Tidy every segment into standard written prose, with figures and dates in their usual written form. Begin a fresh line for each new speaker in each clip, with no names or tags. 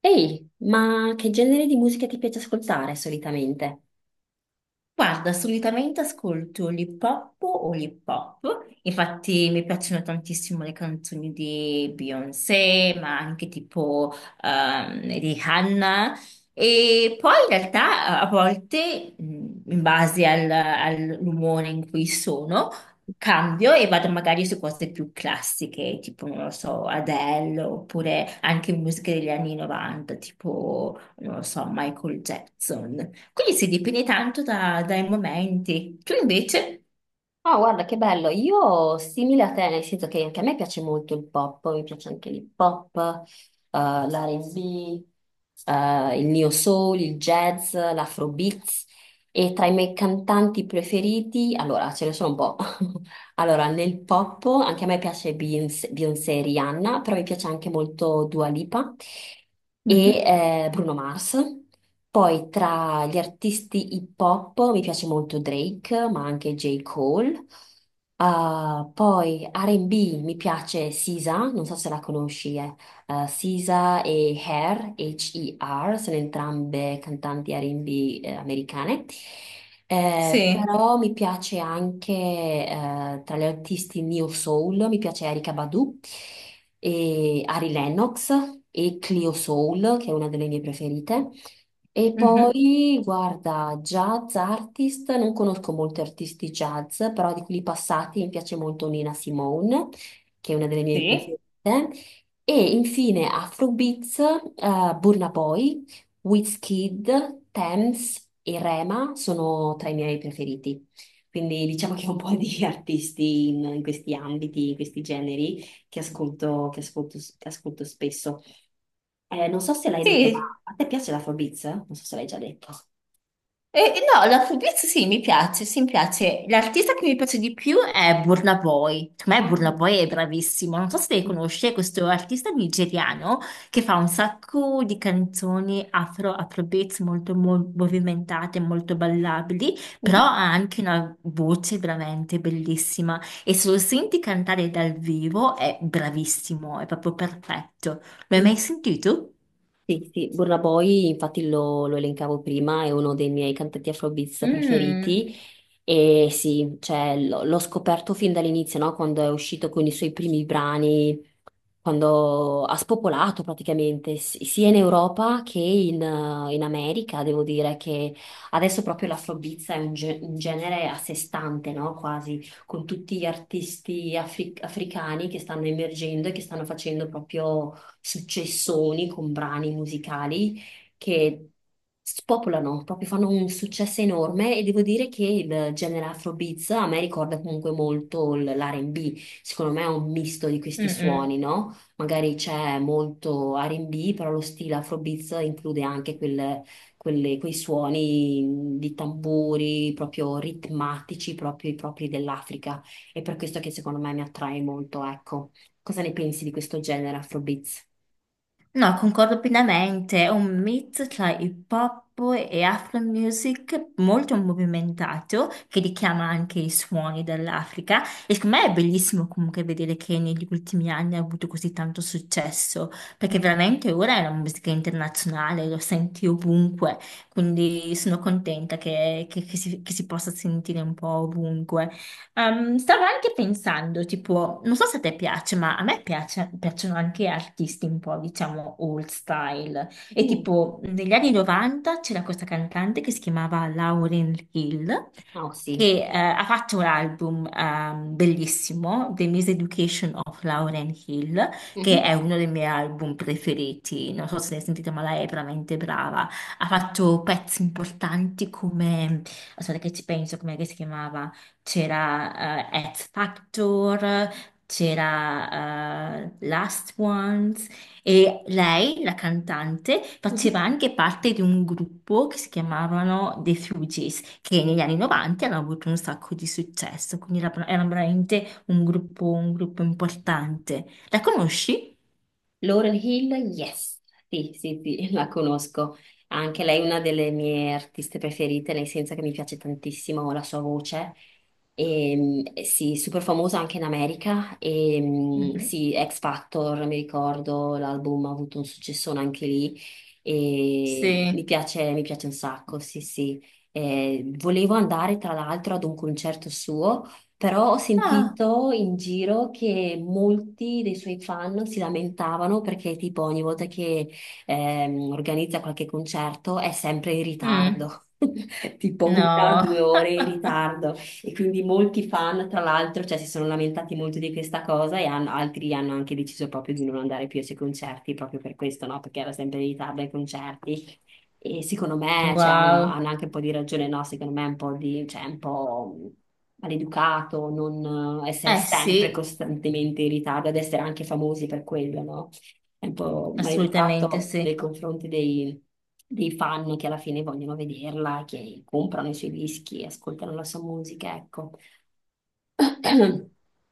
Ehi, ma che genere di musica ti piace ascoltare solitamente?
Guarda, solitamente ascolto l'hip hop o l'hip hop. Infatti mi piacciono tantissimo le canzoni di Beyoncé, ma anche tipo di Hannah. E poi in realtà a volte, in base all'umore in cui sono, cambio e vado magari su cose più classiche, tipo, non lo so, Adele, oppure anche musiche degli anni 90, tipo, non lo so, Michael Jackson. Quindi si dipende tanto dai momenti. Tu invece?
Ah, guarda che bello, io simile a te, nel senso che anche a me piace molto il pop, mi piace anche l'hip hop, l'R&B, il neo soul, il jazz, l'afrobeats e tra i miei cantanti preferiti, allora ce ne sono un po', Allora, nel pop anche a me piace Beyoncé, e Rihanna, però mi piace anche molto Dua Lipa e
Mhm.
Bruno Mars. Poi tra gli artisti hip hop mi piace molto Drake, ma anche J. Cole. Ah, poi R&B mi piace Sisa, non so se la conosci, Sisa e Her, HER, sono entrambe cantanti R&B americane.
Sì.
Però mi piace anche tra gli artisti Neo Soul, mi piace Erykah Badu e Ari Lennox e Clio Soul, che è una delle mie preferite. E
Mhm.
poi, guarda, jazz artist, non conosco molti artisti jazz, però di quelli passati mi piace molto Nina Simone, che è una delle mie
Sì.
preferite. E infine Afrobeats, Burna Boy, Wizkid, Tems e Rema sono tra i miei preferiti. Quindi diciamo che ho un po' di artisti in questi ambiti, in questi generi che ascolto, che ascolto spesso. Non so se l'hai detto, ma
Sì.
a te piace l'Afrobeats? Non so se l'hai già detto.
E, no, la Fulbright sì, mi piace, sì, mi piace. L'artista che mi piace di più è Burna Boy. Per me Burna
Ah.
Boy è bravissimo. Non so se lei conosce questo artista nigeriano che fa un sacco di canzoni afro, afrobeats molto movimentate, molto ballabili, però ha anche una voce veramente bellissima e se lo senti cantare dal vivo è bravissimo, è proprio perfetto. L'hai mai
Mm.
sentito?
Sì, sì, Burna Boy, infatti lo elencavo prima, è uno dei miei cantanti Afrobeats
Mm,
preferiti e sì, cioè, l'ho scoperto fin dall'inizio, no? Quando è uscito con i suoi primi brani, quando ha spopolato praticamente sia in Europa che in, in America, devo dire che adesso proprio l'afrobeats è un genere a sé stante, no? Quasi, con tutti gli artisti africani che stanno emergendo e che stanno facendo proprio successoni con brani musicali che spopolano, proprio fanno un successo enorme e devo dire che il genere Afrobeats a me ricorda comunque molto l'R&B, secondo me è un misto di
mm,
questi suoni,
mm.
no? Magari c'è molto R&B, però lo stile Afrobeats include anche quei suoni di tamburi proprio ritmatici, proprio i propri dell'Africa. È per questo che secondo me mi attrae molto, ecco. Cosa ne pensi di questo genere Afrobeats?
No, concordo pienamente, è un mix tra hip hop e afro music molto movimentato che richiama anche i suoni dell'Africa e secondo me è bellissimo comunque vedere che negli ultimi anni ha avuto così tanto successo perché veramente ora è una musica internazionale, lo senti ovunque, quindi sono contenta che si possa sentire un po' ovunque. Stavo anche pensando, tipo, non so se a te piace, ma a me piacciono anche artisti un po', diciamo, old style. E
Mm.
tipo, negli anni 90 c'era questa cantante che si chiamava Lauryn Hill
Oh sì.
che ha fatto un album bellissimo, The Miseducation of Lauren Hill, che è
Mhm.
uno dei miei album preferiti. Non so se ne sentite, ma lei è veramente brava. Ha fatto pezzi importanti come, aspetta che ci penso, come si chiamava? C'era X Factor, c'era Last Ones, e lei, la cantante,
Mhm.
faceva anche parte di un gruppo che si chiamavano The Fugees, che negli anni 90 hanno avuto un sacco di successo, quindi era veramente un gruppo importante. La conosci?
Laurel Hill, yes, sì, sì, sì, la conosco. Anche lei è una delle mie artiste preferite, nel senso che mi piace tantissimo la sua voce. E, sì, super famosa anche in America. E,
Mhm.
sì, X Factor, mi ricordo, l'album ha avuto un successone anche lì. E
Sì.
mi piace un sacco, sì, sì. Volevo andare tra l'altro ad un concerto suo però ho
Ah.
sentito in giro che molti dei suoi fan si lamentavano perché tipo ogni volta che organizza qualche concerto è sempre in
Mm.
ritardo, tipo una o
No.
due ore in ritardo. E quindi molti fan, tra l'altro, cioè, si sono lamentati molto di questa cosa e altri hanno anche deciso proprio di non andare più ai suoi concerti proprio per questo, no? Perché era sempre in ritardo ai concerti. E secondo me, cioè,
Wow.
hanno anche un po' di ragione, no? Secondo me è un po' di, cioè, un po' maleducato non essere
Eh
sempre
sì,
costantemente in ritardo, ad essere anche famosi per quello, no? È un po'
assolutamente
maleducato
sì.
nei confronti dei fan che alla fine vogliono vederla, che comprano i suoi dischi, ascoltano la sua musica, ecco.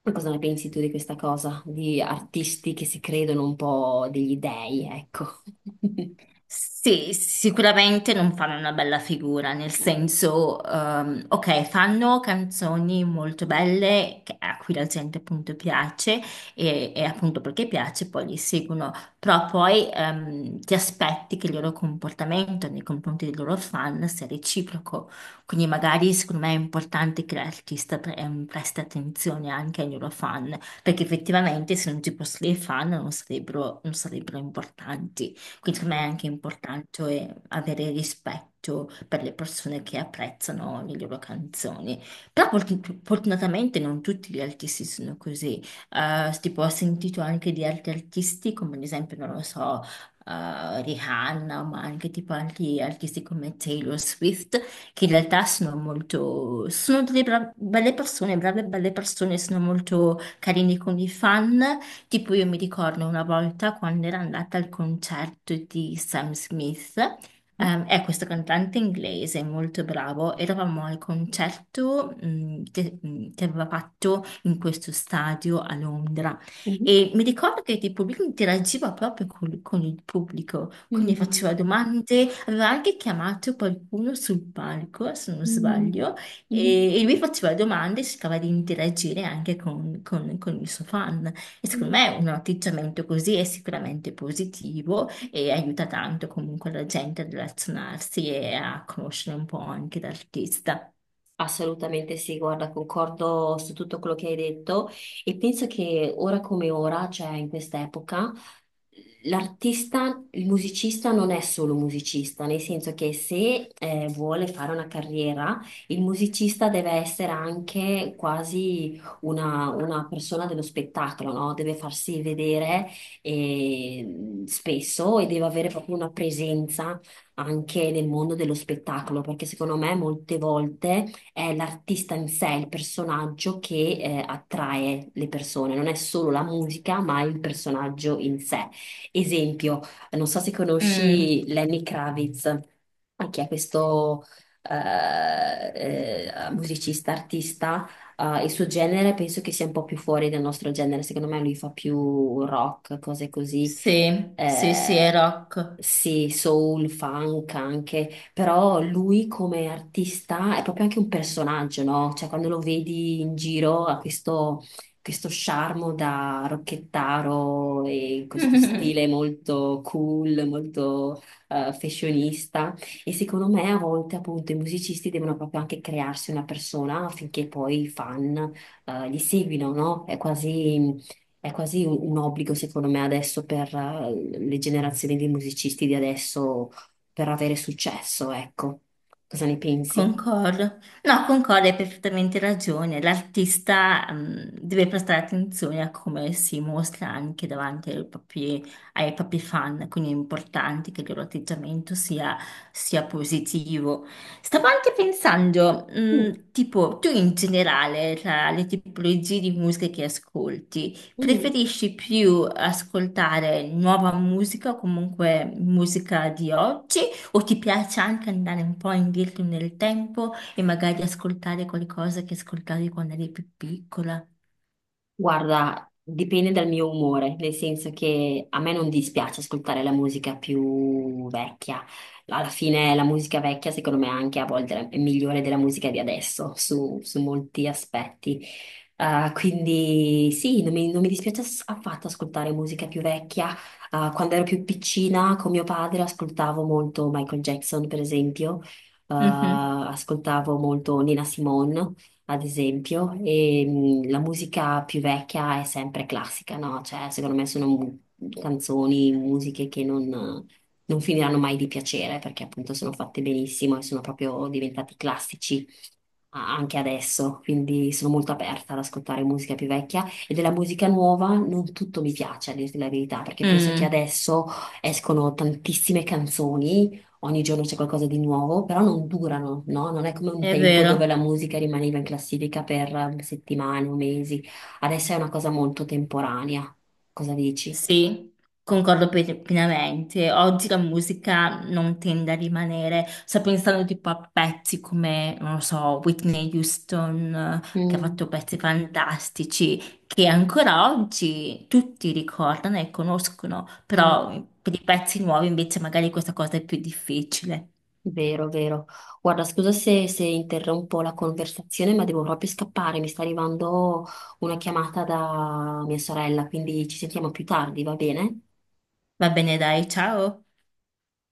Ma cosa ne pensi tu di questa cosa? Di artisti che si credono un po' degli dei, ecco.
Sì, sicuramente non fanno una bella figura, nel senso, ok, fanno canzoni molto belle a cui la gente appunto piace e appunto perché piace poi li seguono, però poi ti aspetti che il loro comportamento nei confronti dei loro fan sia reciproco, quindi magari secondo me è importante che l'artista presti attenzione anche ai loro fan, perché effettivamente se non ci fossero i fan non sarebbero importanti. Quindi secondo me è anche importante avere rispetto per le persone che apprezzano le loro canzoni. Però fortunatamente non tutti gli artisti sono così. Tipo, ho sentito anche di altri artisti, come ad esempio, non lo so, Rihanna, ma anche tipo altri artisti come Taylor Swift, che in realtà sono delle belle persone, brave e belle persone, sono molto carini con i fan. Tipo io mi ricordo una volta quando ero andata al concerto di Sam Smith, è questo cantante inglese molto bravo, eravamo al concerto che aveva fatto in questo stadio a Londra
Mhm.
e mi ricordo che tipo lui interagiva proprio con il pubblico, quindi faceva
Mm.
domande, aveva anche chiamato qualcuno sul palco, se non
Hm.
sbaglio,
Mhm.
e lui faceva domande e cercava di interagire anche con il suo fan. E secondo
Mhm.
me un atteggiamento così è sicuramente positivo e aiuta tanto comunque la gente a relazionarsi e a conoscere un po' anche l'artista.
Assolutamente sì, guarda, concordo su tutto quello che hai detto e penso che ora come ora, cioè in questa epoca, l'artista, il musicista non è solo musicista, nel senso che se vuole fare una carriera, il musicista deve essere anche quasi una persona dello spettacolo, no? Deve farsi vedere spesso e deve avere proprio una presenza anche nel mondo dello spettacolo, perché secondo me molte volte è l'artista in sé, il personaggio che attrae le persone, non è solo la musica, ma il personaggio in sé. Esempio, non so se
Mm,
conosci Lenny Kravitz, anche è questo eh, musicista, artista. Il suo genere penso che sia un po' più fuori del nostro genere, secondo me lui fa più rock, cose così,
sì, sì, sì, è
eh,
rock.
sì, soul, funk anche, però lui come artista è proprio anche un personaggio, no? Cioè quando lo vedi in giro ha questo, questo charme da rocchettaro e questo stile molto cool, molto fashionista e secondo me a volte appunto i musicisti devono proprio anche crearsi una persona affinché poi i fan li seguino, no? È quasi un obbligo, secondo me, adesso per le generazioni di musicisti di adesso per avere successo, ecco. Cosa ne pensi?
Concordo. No, concordo, hai perfettamente ragione. L'artista, deve prestare attenzione a come si mostra anche davanti ai propri fan, quindi è importante che il loro atteggiamento sia, sia positivo. Stavo anche pensando,
Mm,
tipo, tu in generale, tra le tipologie di musica che ascolti,
mm.
preferisci più ascoltare nuova musica o comunque musica di oggi? O ti piace anche andare un po' indietro nel tempo e magari ascoltare qualcosa che ascoltavi quando eri più piccola?
Guarda, dipende dal mio umore, nel senso che a me non dispiace ascoltare la musica più vecchia. Alla fine la musica vecchia, secondo me, anche a volte è migliore della musica di adesso, su, su molti aspetti. Quindi sì, non mi dispiace affatto ascoltare musica più vecchia. Quando ero più piccina con mio padre ascoltavo molto Michael Jackson, per esempio.
Mhm.
Ascoltavo molto Nina Simone, ad esempio, e la musica più vecchia è sempre classica, no? Cioè, secondo me sono canzoni, musiche che non, non finiranno mai di piacere perché appunto sono fatte benissimo e sono proprio diventati classici anche adesso, quindi sono molto aperta ad ascoltare musica più vecchia e della musica nuova non tutto mi piace, a dirti la verità, perché penso che
Mm,
adesso escono tantissime canzoni, ogni giorno c'è qualcosa di nuovo, però non durano, no? Non è come un
è
tempo dove la
vero.
musica rimaneva in classifica per settimane o mesi, adesso è una cosa molto temporanea. Cosa dici?
Sì, concordo pienamente. Oggi la musica non tende a rimanere. Sto pensando tipo a pezzi come, non lo so, Whitney Houston, che ha
Mm,
fatto pezzi fantastici, che ancora oggi tutti ricordano e conoscono,
mm.
però per i pezzi nuovi invece magari questa cosa è più difficile.
Vero, vero. Guarda, scusa se interrompo la conversazione, ma devo proprio scappare. Mi sta arrivando una chiamata da mia sorella, quindi ci sentiamo più tardi, va bene?
Va bene, dai, ciao.